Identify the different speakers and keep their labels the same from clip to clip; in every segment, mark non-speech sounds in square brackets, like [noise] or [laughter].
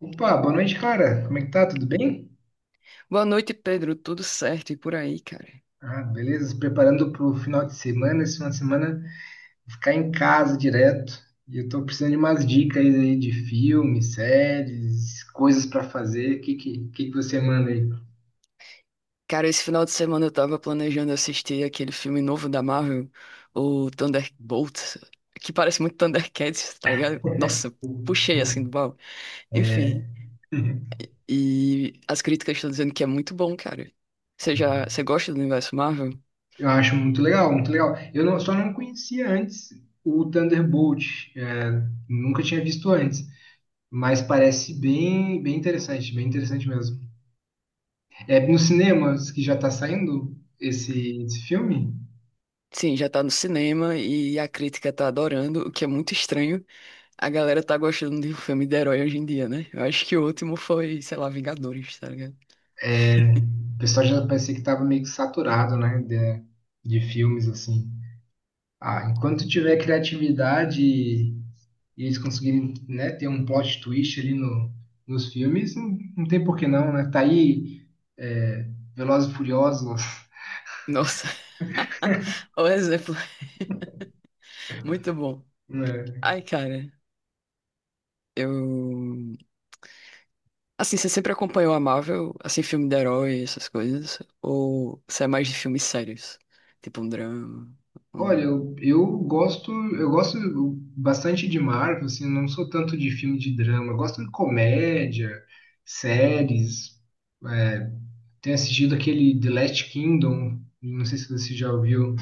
Speaker 1: Opa, boa noite, cara. Como é que tá? Tudo bem?
Speaker 2: Boa noite, Pedro. Tudo certo e por aí, cara?
Speaker 1: Ah, beleza. Se preparando pro final de semana. Esse final de semana ficar em casa direto. E eu tô precisando de umas dicas aí de filmes, séries, coisas pra fazer. O que você manda aí?
Speaker 2: Cara, esse final de semana eu tava planejando assistir aquele filme novo da Marvel, o Thunderbolts, que parece muito Thundercats, tá ligado? Nossa, puxei assim do baú. Enfim,
Speaker 1: [laughs]
Speaker 2: e as críticas estão dizendo que é muito bom, cara. Você gosta do universo Marvel?
Speaker 1: Eu acho muito legal, muito legal. Eu não- Só não conhecia antes o Thunderbolt. Nunca tinha visto antes. Mas parece bem, bem interessante mesmo. É nos cinemas que já tá saindo esse filme?
Speaker 2: Sim, já tá no cinema e a crítica tá adorando, o que é muito estranho. A galera tá gostando de um filme de herói hoje em dia, né? Eu acho que o último foi, sei lá, Vingadores, tá ligado?
Speaker 1: O pessoal já parecia que estava meio que saturado, né? De filmes, assim. Ah, enquanto tiver criatividade e eles conseguirem, né, ter um plot twist ali no, nos filmes, não tem por que não, né? Tá aí é, Velozes e Furiosos,
Speaker 2: Nossa, o exemplo. [laughs] Muito bom.
Speaker 1: [laughs] né?
Speaker 2: Ai, cara, eu. Assim, você sempre acompanhou a Marvel, assim, filme de herói, essas coisas? Ou você é mais de filmes sérios? Tipo um drama?
Speaker 1: Olha,
Speaker 2: um-
Speaker 1: eu gosto bastante de Marvel, assim, não sou tanto de filme de drama, eu gosto de comédia, séries, é, tenho assistido aquele The Last Kingdom, não sei se você já ouviu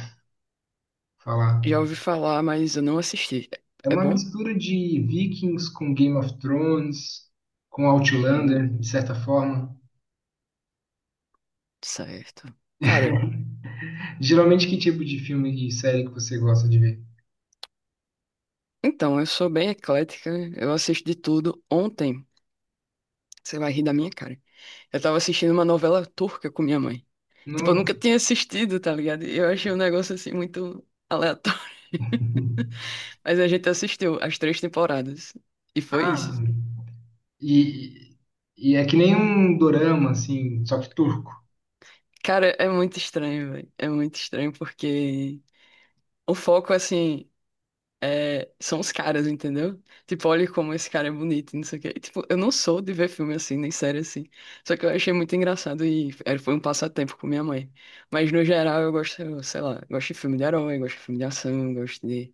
Speaker 1: falar.
Speaker 2: Já ouvi falar, mas eu não assisti.
Speaker 1: É
Speaker 2: É é
Speaker 1: uma
Speaker 2: bom?
Speaker 1: mistura de Vikings com Game of Thrones, com Outlander,
Speaker 2: Hum,
Speaker 1: de certa forma.
Speaker 2: certo. Cara,
Speaker 1: Geralmente, que tipo de filme e série que você gosta de ver?
Speaker 2: então, eu sou bem eclética, eu assisto de tudo. Ontem, você vai rir da minha cara. Eu tava assistindo uma novela turca com minha mãe. Tipo, eu nunca
Speaker 1: Nossa.
Speaker 2: tinha assistido, tá ligado? E eu achei um negócio assim muito aleatório.
Speaker 1: [laughs]
Speaker 2: [laughs] Mas a gente assistiu as três temporadas. E foi isso.
Speaker 1: Ah, e, e é que nem um dorama, assim, só que turco.
Speaker 2: Cara, é muito estranho, velho. É muito estranho porque o foco, assim, é... são os caras, entendeu? Tipo, olha como esse cara é bonito, não sei o quê. E, tipo, eu não sou de ver filme assim, nem série assim. Só que eu achei muito engraçado e foi um passatempo com minha mãe. Mas no geral eu gosto, sei lá, gosto de filme de herói, gosto de filme de ação, gosto de.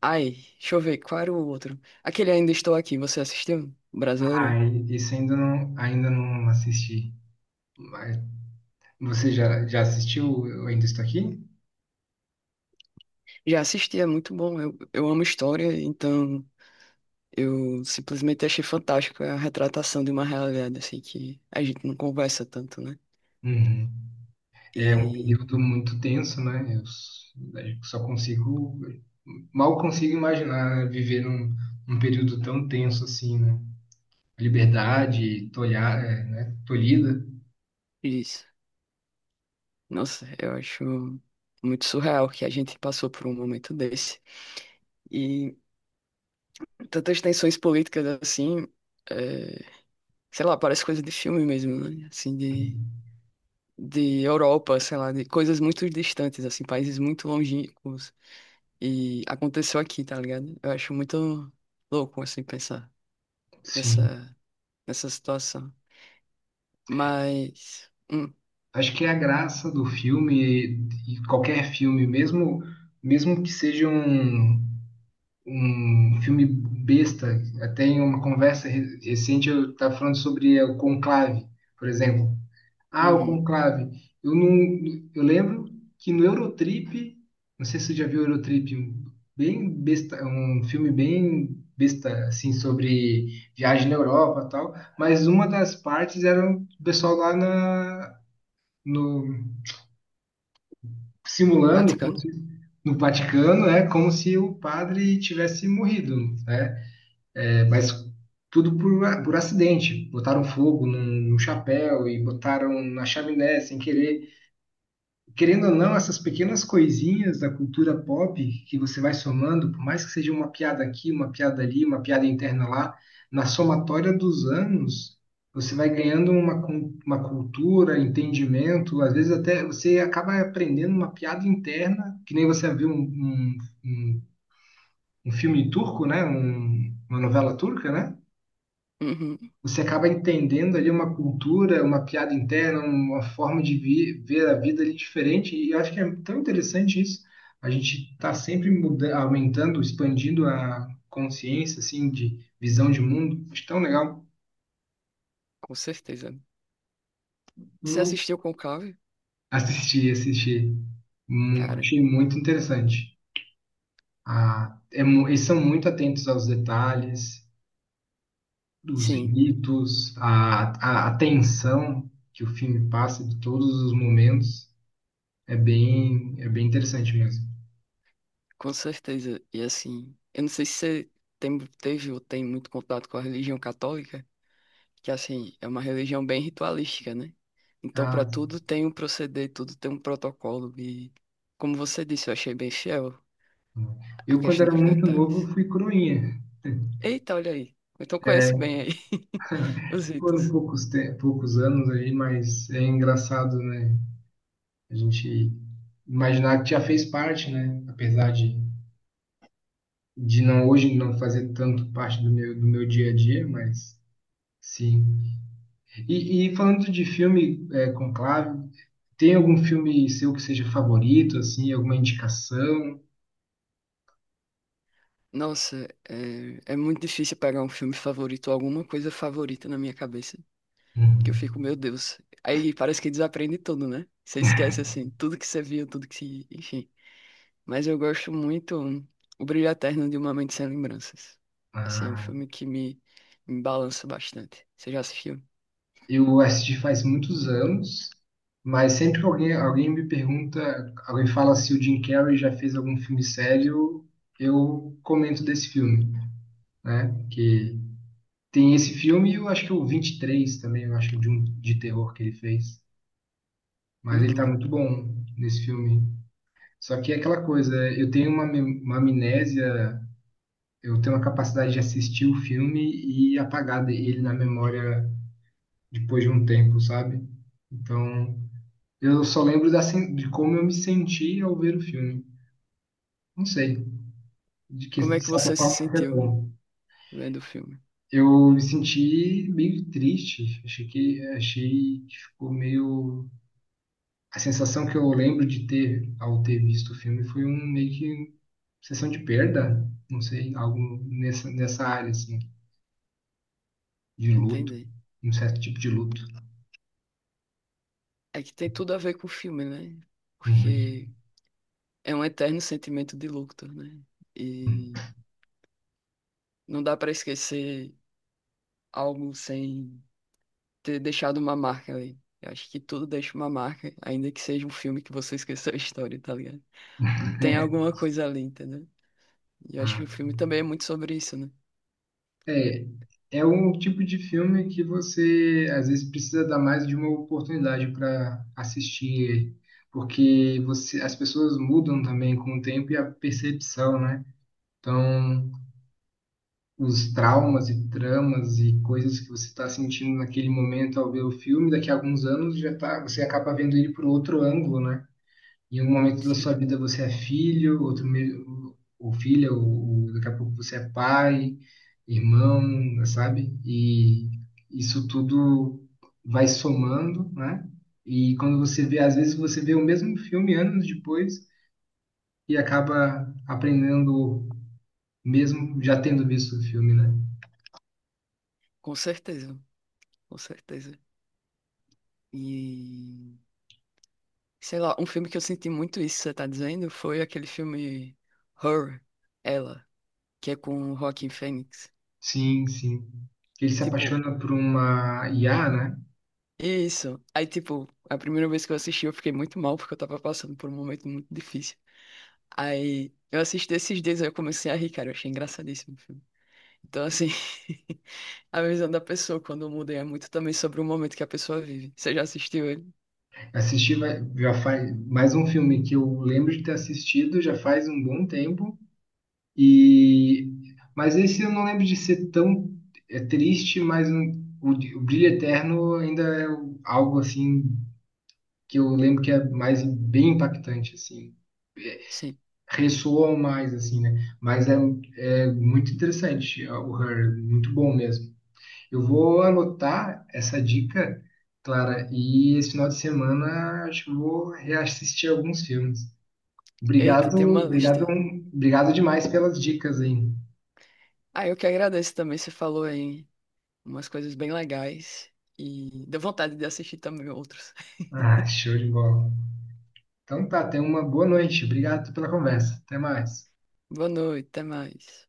Speaker 2: Ai, deixa eu ver, qual era o outro? Aquele Ainda Estou Aqui, você assistiu?
Speaker 1: Ah,
Speaker 2: Brasileiro?
Speaker 1: esse ainda não assisti. Mas você já assistiu Eu Ainda Estou Aqui?
Speaker 2: Já assisti, é muito bom. Eu amo história, então eu simplesmente achei fantástico a retratação de uma realidade, assim, que a gente não conversa tanto, né?
Speaker 1: Uhum.
Speaker 2: E
Speaker 1: É um
Speaker 2: aí,
Speaker 1: período muito tenso, né? Eu só mal consigo imaginar, né, viver num período tão tenso assim, né? Liberdade tolha, é, né? Tolhida.
Speaker 2: isso. Nossa, eu acho muito surreal que a gente passou por um momento desse. E tantas tensões políticas, assim, é, sei lá, parece coisa de filme mesmo, né? Assim, de Europa, sei lá, de coisas muito distantes, assim, países muito longínquos. E aconteceu aqui, tá ligado? Eu acho muito louco, assim, pensar
Speaker 1: Sim.
Speaker 2: nessa, nessa situação. Mas.
Speaker 1: Acho que é a graça do filme, e qualquer filme, mesmo, mesmo que seja um filme besta, até em uma conversa recente eu estava falando sobre o Conclave, por exemplo. Ah, o
Speaker 2: Uhum.
Speaker 1: Conclave. Eu não, eu lembro que no Eurotrip, não sei se você já viu o Eurotrip, um bem besta, um filme bem besta assim sobre viagem na Europa, e tal, mas uma das partes era o pessoal lá na no simulando como
Speaker 2: Vaticano?
Speaker 1: se, no Vaticano, é como se o padre tivesse morrido, né? É, mas tudo por acidente. Botaram fogo num chapéu e botaram na chaminé sem querer. Querendo ou não, essas pequenas coisinhas da cultura pop que você vai somando, por mais que seja uma piada aqui, uma piada ali, uma piada interna lá, na somatória dos anos, você vai ganhando uma cultura, entendimento, às vezes até você acaba aprendendo uma piada interna, que nem você viu um, um filme turco, né? Uma novela turca, né?
Speaker 2: Uhum,
Speaker 1: Você acaba entendendo ali uma cultura, uma piada interna, uma forma de ver a vida ali diferente. E eu acho que é tão interessante isso. A gente está sempre aumentando, expandindo a consciência, assim, de visão de mundo. Acho tão legal.
Speaker 2: com certeza. Você
Speaker 1: Eu
Speaker 2: assistiu Conclave?
Speaker 1: assisti, assisti.
Speaker 2: Cara,
Speaker 1: Achei muito interessante. Ah, eles são muito atentos aos detalhes, dos
Speaker 2: sim,
Speaker 1: ritos, à tensão que o filme passa de todos os momentos. É bem interessante mesmo.
Speaker 2: com certeza. E assim, eu não sei se você tem, teve ou tem muito contato com a religião católica. Que assim, é uma religião bem ritualística, né? Então, para
Speaker 1: Ah,
Speaker 2: tudo tem um proceder, tudo tem um protocolo. E, como você disse, eu achei bem fiel a
Speaker 1: eu quando
Speaker 2: questão
Speaker 1: era
Speaker 2: dos
Speaker 1: muito novo eu
Speaker 2: detalhes.
Speaker 1: fui coroinha.
Speaker 2: Eita, olha aí. Então, conheço bem aí [laughs] os
Speaker 1: [laughs] Foram
Speaker 2: ritos.
Speaker 1: poucos anos aí, mas é engraçado, né? A gente imaginar que já fez parte, né? Apesar de não hoje não fazer tanto parte do meu dia a dia, mas sim. E falando de filme Conclave, tem algum filme seu que seja favorito, assim, alguma indicação?
Speaker 2: Nossa, é, é muito difícil pegar um filme favorito ou alguma coisa favorita na minha cabeça, que eu
Speaker 1: Hum.
Speaker 2: fico, meu Deus. Aí parece que desaprende tudo, né? Você esquece, assim, tudo que você viu, tudo que, enfim. Mas eu gosto muito O Brilho Eterno de Uma Mente Sem Lembranças. Assim, é um
Speaker 1: Ah.
Speaker 2: filme que me balança bastante. Você já assistiu?
Speaker 1: Eu assisti faz muitos anos, mas sempre que alguém me pergunta, alguém fala se o Jim Carrey já fez algum filme sério, eu comento desse filme, né? Que tem esse filme e eu acho que o 23 também, eu acho de um de terror que ele fez, mas ele tá
Speaker 2: Uhum.
Speaker 1: muito bom nesse filme. Só que é aquela coisa, eu tenho uma amnésia, eu tenho uma capacidade de assistir o filme e apagar ele na memória depois de um tempo, sabe? Então, eu só lembro de como eu me senti ao ver o filme. Não sei, de que
Speaker 2: Como
Speaker 1: de
Speaker 2: é que
Speaker 1: certa
Speaker 2: você se
Speaker 1: forma foi
Speaker 2: sentiu
Speaker 1: bom.
Speaker 2: vendo o filme?
Speaker 1: Eu me senti meio triste. Achei que ficou meio. A sensação que eu lembro de ter ao ter visto o filme foi um meio que sensação de perda, não sei, algo nessa área assim, de luto,
Speaker 2: Entendi.
Speaker 1: um certo tipo de luto.
Speaker 2: É que tem tudo a ver com o filme, né?
Speaker 1: E-
Speaker 2: Porque é um eterno sentimento de luto, né? E não dá pra esquecer algo sem ter deixado uma marca ali. Eu acho que tudo deixa uma marca, ainda que seja um filme que você esqueceu a história, tá ligado? Tem alguma
Speaker 1: [laughs]
Speaker 2: coisa ali, entendeu? E eu acho que o
Speaker 1: Ah,
Speaker 2: filme também é muito sobre isso, né?
Speaker 1: é, é um tipo de filme que você às vezes precisa dar mais de uma oportunidade para assistir ele, porque você, as pessoas mudam também com o tempo e a percepção, né? Então, os traumas e tramas e coisas que você está sentindo naquele momento ao ver o filme, daqui a alguns anos já tá, você acaba vendo ele por outro ângulo, né? Em um momento da sua
Speaker 2: Sim,
Speaker 1: vida você é filho, ou filha, ou daqui a pouco você é pai, irmão, sabe? E isso tudo vai somando, né? E quando você vê, às vezes você vê o mesmo filme anos depois e acaba aprendendo mesmo já tendo visto o filme, né?
Speaker 2: com certeza, com certeza. E sei lá, um filme que eu senti muito isso, que você tá dizendo, foi aquele filme Her, Ela, que é com o Joaquin Phoenix.
Speaker 1: Sim, sim. Ele se
Speaker 2: Tipo,
Speaker 1: apaixona por uma IA, né?
Speaker 2: isso. Aí, tipo, a primeira vez que eu assisti, eu fiquei muito mal porque eu tava passando por um momento muito difícil. Aí eu assisti esses dias, aí eu comecei a rir, cara, eu achei engraçadíssimo o filme. Então, assim, [laughs] a visão da pessoa quando muda é muito também sobre o momento que a pessoa vive. Você já assistiu ele?
Speaker 1: Assisti já faz mais um filme que eu lembro de ter assistido já faz um bom tempo. E, mas esse eu não lembro de ser tão triste, mas o Brilho Eterno ainda é o- algo assim que eu lembro que é mais bem impactante assim.
Speaker 2: Sim.
Speaker 1: Ressoa mais assim, né? Mas é muito interessante ó, o Her, muito bom mesmo. Eu vou anotar essa dica, Clara, e esse final de semana acho que eu vou reassistir alguns filmes.
Speaker 2: Eita,
Speaker 1: Obrigado,
Speaker 2: tem uma lista
Speaker 1: obrigado,
Speaker 2: aí.
Speaker 1: obrigado demais pelas dicas aí.
Speaker 2: Ah, eu que agradeço também. Você falou aí umas coisas bem legais e deu vontade de assistir também outros.
Speaker 1: Ah,
Speaker 2: [laughs]
Speaker 1: show de bola. Então tá, tenha uma boa noite. Obrigado pela conversa. Até mais.
Speaker 2: Boa noite, até mais.